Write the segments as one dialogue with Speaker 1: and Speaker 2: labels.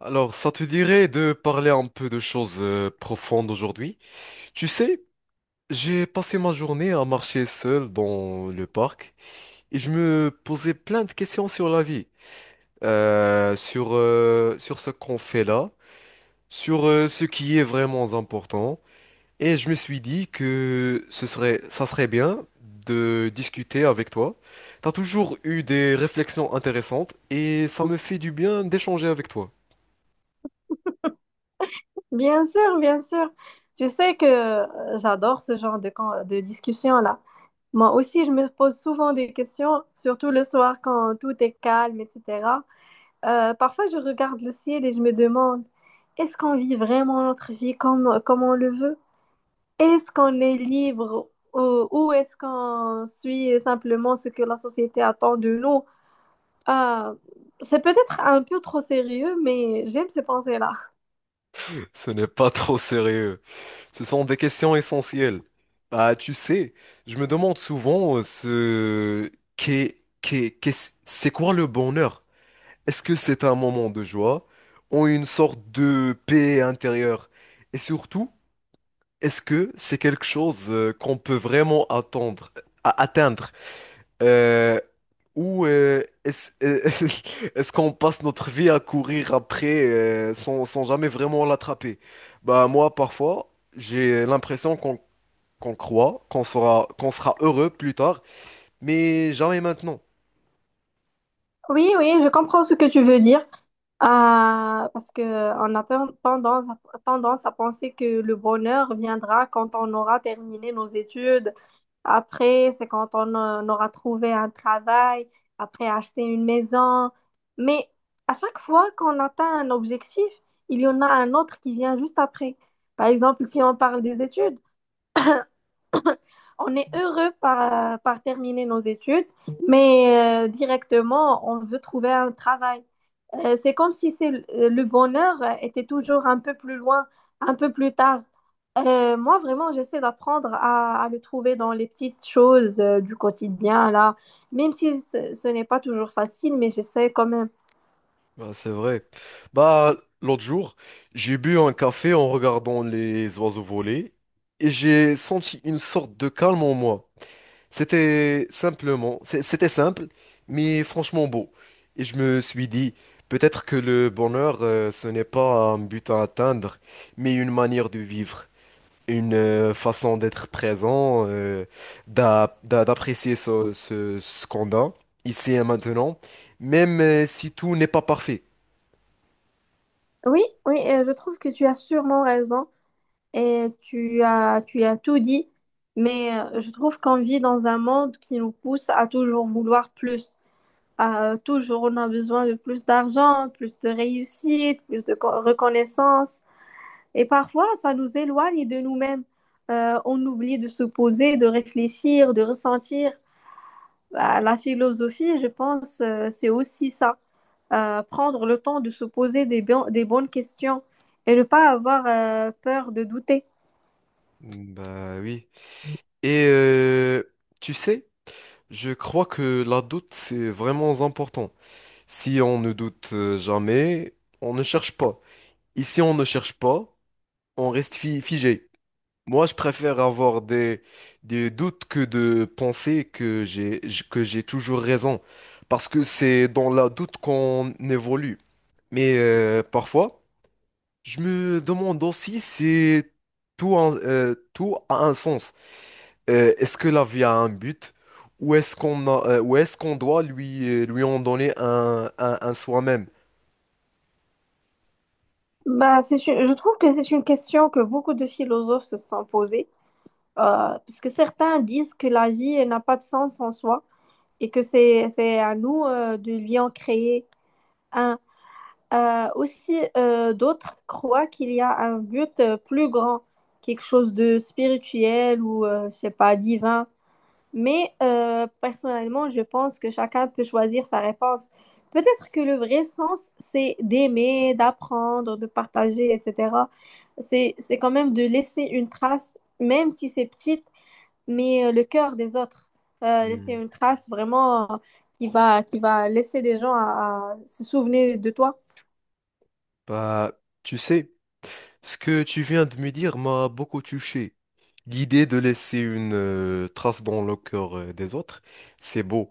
Speaker 1: Alors, ça te dirait de parler un peu de choses profondes aujourd'hui? Tu sais, j'ai passé ma journée à marcher seul dans le parc et je me posais plein de questions sur la vie, sur ce qu'on fait là, sur ce qui est vraiment important. Et je me suis dit que ça serait bien de discuter avec toi. T'as toujours eu des réflexions intéressantes et ça me fait du bien d'échanger avec toi.
Speaker 2: Bien sûr, bien sûr. Tu sais que j'adore ce genre de discussion-là. Moi aussi, je me pose souvent des questions, surtout le soir quand tout est calme, etc. Parfois, je regarde le ciel et je me demande, est-ce qu'on vit vraiment notre vie comme on le veut? Est-ce qu'on est libre ou est-ce qu'on suit simplement ce que la société attend de nous? Euh, c'est peut-être un peu trop sérieux, mais j'aime ces pensées-là.
Speaker 1: Ce n'est pas trop sérieux. Ce sont des questions essentielles. Bah, tu sais, je me demande souvent ce c'est quoi le bonheur? Est-ce que c'est un moment de joie ou une sorte de paix intérieure? Et surtout, est-ce que c'est quelque chose qu'on peut vraiment attendre, atteindre? Euh, ou est-ce est-ce qu'on passe notre vie à courir après sans jamais vraiment l'attraper? Bah, moi, parfois, j'ai l'impression qu'on croit, qu'on sera heureux plus tard, mais jamais maintenant.
Speaker 2: Oui, oui, je comprends ce que tu veux dire. Ah, parce que on a tendance tendance à penser que le bonheur viendra quand on aura terminé nos études. Après, c'est quand on aura trouvé un travail, après acheter une maison. Mais à chaque fois qu'on atteint un objectif, il y en a un autre qui vient juste après. Par exemple, si on parle des études, on est heureux par terminer nos études, mais directement, on veut trouver un travail. C'est comme si c'est l- Le bonheur était toujours un peu plus loin, un peu plus tard. Moi, vraiment, j'essaie à le trouver dans les petites choses du quotidien, là, même si ce n'est pas toujours facile, mais j'essaie quand même.
Speaker 1: Bah, c'est vrai. Bah, l'autre jour, j'ai bu un café en regardant les oiseaux voler et j'ai senti une sorte de calme en moi. C'était simple, mais franchement beau. Et je me suis dit, peut-être que le bonheur, ce n'est pas un but à atteindre, mais une manière de vivre. Une façon d'être présent, d'apprécier ce qu'on a ici et maintenant, même si tout n'est pas parfait.
Speaker 2: Oui, oui, je trouve que tu as sûrement raison et tu as tout dit, mais je trouve qu'on vit dans un monde qui nous pousse à toujours vouloir plus. À, toujours, on a besoin de plus d'argent, plus de réussite, plus de reconnaissance. Et parfois, ça nous éloigne de nous-mêmes. On oublie de se poser, de réfléchir, de ressentir. Bah, la philosophie, je pense, c'est aussi ça. Prendre le temps de se poser des bonnes questions et ne pas avoir peur de douter.
Speaker 1: Bah oui. Et tu sais, je crois que la doute, c'est vraiment important. Si on ne doute jamais, on ne cherche pas. Ici, on ne cherche pas, on reste figé. Moi, je préfère avoir des doutes que de penser que que j'ai toujours raison. Parce que c'est dans la doute qu'on évolue. Mais parfois, je me demande aussi si tout a un sens. Est-ce que la vie a un but? Ou ou est-ce qu'on doit lui, lui en donner un soi-même?
Speaker 2: Je trouve que c'est une question que beaucoup de philosophes se sont posées, parce que certains disent que la vie elle n'a pas de sens en soi et que c'est à nous de lui en créer un. D'autres croient qu'il y a un but plus grand, quelque chose de spirituel ou, je sais pas, divin. Mais personnellement, je pense que chacun peut choisir sa réponse. Peut-être que le vrai sens, c'est d'aimer, d'apprendre, de partager, etc. C'est quand même de laisser une trace, même si c'est petite, mais le cœur des autres. Laisser
Speaker 1: Hmm.
Speaker 2: une trace vraiment qui va laisser les gens à se souvenir de toi.
Speaker 1: Bah, tu sais. Ce que tu viens de me dire m'a beaucoup touché. L'idée de laisser une trace dans le cœur des autres, c'est beau.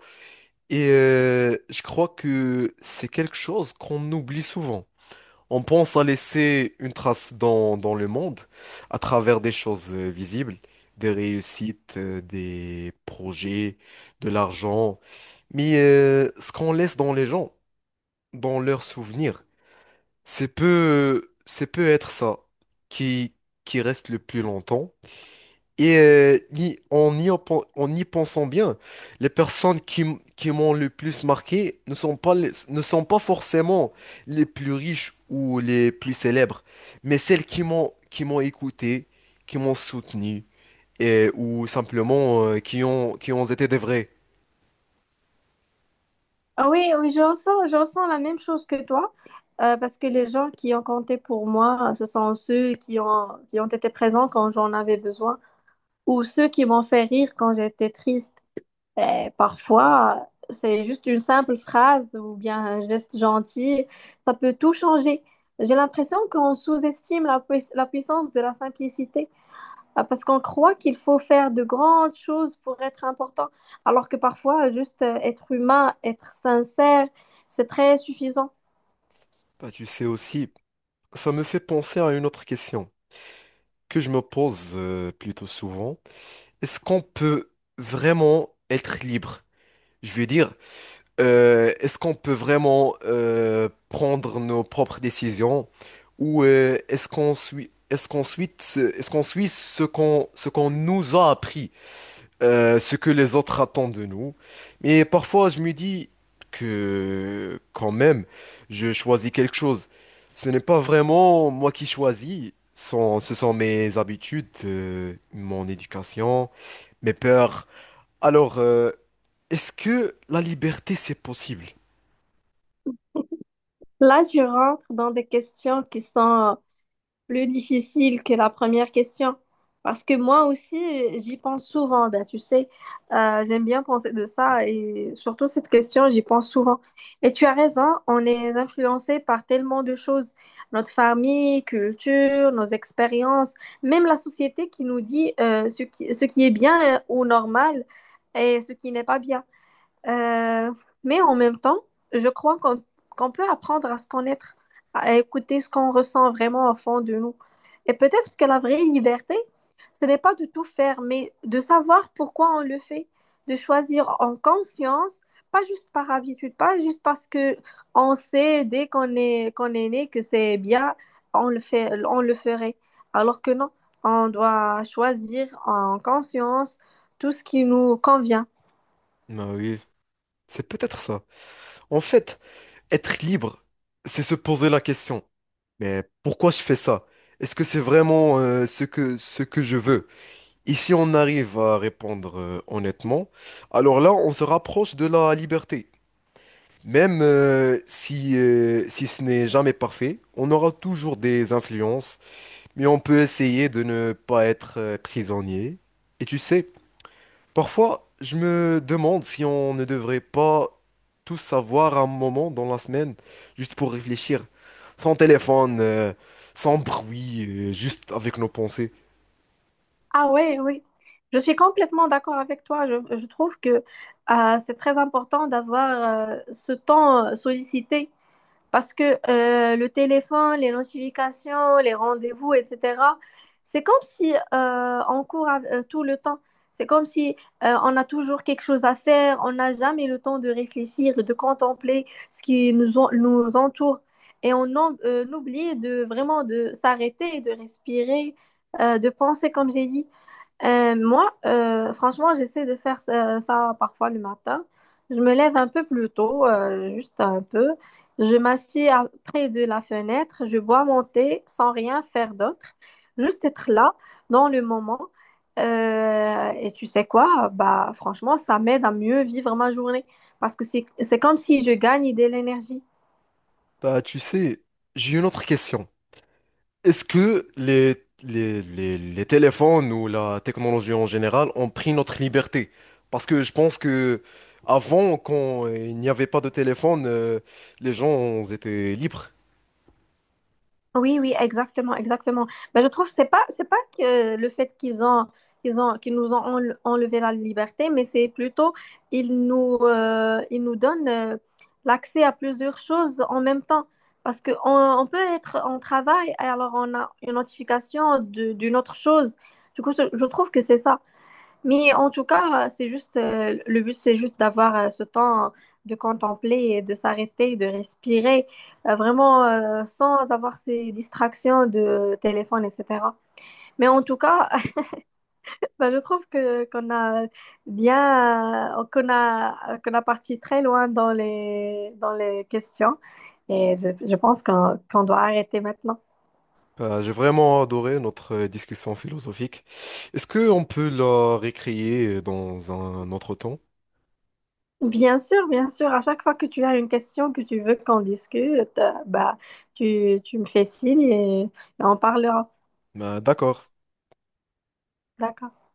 Speaker 1: Et je crois que c'est quelque chose qu'on oublie souvent. On pense à laisser une trace dans le monde à travers des choses visibles, des réussites, des projets, de l'argent. Mais ce qu'on laisse dans les gens, dans leurs souvenirs, c'est peut être ça qui, qui reste le plus longtemps. Et y- en y, en en y pensant bien, les personnes qui m'ont le plus marqué ne sont pas forcément les plus riches ou les plus célèbres, mais celles qui m'ont écouté, qui m'ont soutenu, et, ou simplement qui ont été des vrais.
Speaker 2: Ah oui, oui, je ressens la même chose que toi, parce que les gens qui ont compté pour moi, ce sont ceux qui ont été présents quand j'en avais besoin, ou ceux qui m'ont fait rire quand j'étais triste. Et parfois, c'est juste une simple phrase ou bien un geste gentil, ça peut tout changer. J'ai l'impression qu'on sous-estime la puissance de la simplicité. Ah, parce qu'on croit qu'il faut faire de grandes choses pour être important, alors que parfois, juste être humain, être sincère, c'est très suffisant.
Speaker 1: Bah, tu sais aussi, ça me fait penser à une autre question que je me pose plutôt souvent. Est-ce qu'on peut vraiment être libre? Je veux dire, est-ce qu'on peut vraiment prendre nos propres décisions ou est-ce qu'on suit ce qu'on nous a appris? Euh, ce que les autres attendent de nous. Mais parfois, je me dis que quand même, je choisis quelque chose. Ce n'est pas vraiment moi qui choisis. Ce sont mes habitudes, mon éducation, mes peurs. Alors, est-ce que la liberté, c'est possible?
Speaker 2: Là, je rentre dans des questions qui sont plus difficile que la première question. Parce que moi aussi, j'y pense souvent. Ben, tu sais, j'aime bien penser de ça et surtout cette question, j'y pense souvent. Et tu as raison, on est influencé par tellement de choses. Notre famille, culture, nos expériences, même la société qui nous dit ce qui est bien ou normal et ce qui n'est pas bien. Euh, mais en même temps, je crois qu'on peut apprendre à se connaître, à écouter ce qu'on ressent vraiment au fond de nous. Et peut-être que la vraie liberté, ce n'est pas de tout faire, mais de savoir pourquoi on le fait, de choisir en conscience, pas juste par habitude, pas juste parce que on sait dès qu'on est né que c'est bien, on le ferait. Alors que non, on doit choisir en conscience tout ce qui nous convient.
Speaker 1: Ben oui, c'est peut-être ça. En fait, être libre, c'est se poser la question. Mais pourquoi je fais ça? Est-ce que c'est vraiment, ce que je veux? Et si on arrive à répondre honnêtement, alors là, on se rapproche de la liberté. Même si ce n'est jamais parfait, on aura toujours des influences, mais on peut essayer de ne pas être prisonnier. Et tu sais, parfois, je me demande si on ne devrait pas tous savoir un moment dans la semaine, juste pour réfléchir, sans téléphone, sans bruit, juste avec nos pensées.
Speaker 2: Ah oui, oui. Je suis complètement d'accord avec toi. Je trouve que c'est très important d'avoir ce temps sollicité. Parce que le téléphone, les notifications, les rendez-vous, etc., c'est comme si tout le temps. C'est comme si on a toujours quelque chose à faire, on n'a jamais le temps de réfléchir, de contempler ce qui nous entoure. Et on oublie de vraiment de s'arrêter, de respirer, de penser, comme j'ai dit. Franchement, j'essaie de faire ça parfois le matin. Je me lève un peu plus tôt, juste un peu. Je m'assis près de la fenêtre, je bois mon thé sans rien faire d'autre, juste être là dans le moment. Et tu sais quoi? Bah, franchement, ça m'aide à mieux vivre ma journée parce que c'est comme si je gagne de l'énergie.
Speaker 1: Bah, tu sais, j'ai une autre question. Est-ce que les téléphones ou la technologie en général ont pris notre liberté? Parce que je pense que avant, quand il n'y avait pas de téléphone, les gens étaient libres.
Speaker 2: Oui, oui, exactement, exactement. Mais je trouve que c'est pas que le fait qu'ils nous ont enlevé la liberté, mais c'est plutôt ils nous donnent l'accès à plusieurs choses en même temps. Parce que on peut être en travail et alors on a une notification d'une autre chose. Du coup, je trouve que c'est ça. Mais en tout cas, c'est juste, le but, c'est juste d'avoir ce temps de contempler et de s'arrêter, de respirer, vraiment sans avoir ces distractions de téléphone, etc. Mais en tout cas, bah, je trouve que qu'on a bien, qu'on a, qu'on a parti très loin dans dans les questions. Et je pense qu'on doit arrêter maintenant.
Speaker 1: J'ai vraiment adoré notre discussion philosophique. Est-ce qu'on peut la récréer dans un autre temps?
Speaker 2: Bien sûr, bien sûr. À chaque fois que tu as une question que tu veux qu'on discute, bah, tu me fais signe et on parlera.
Speaker 1: Ben, d'accord.
Speaker 2: D'accord.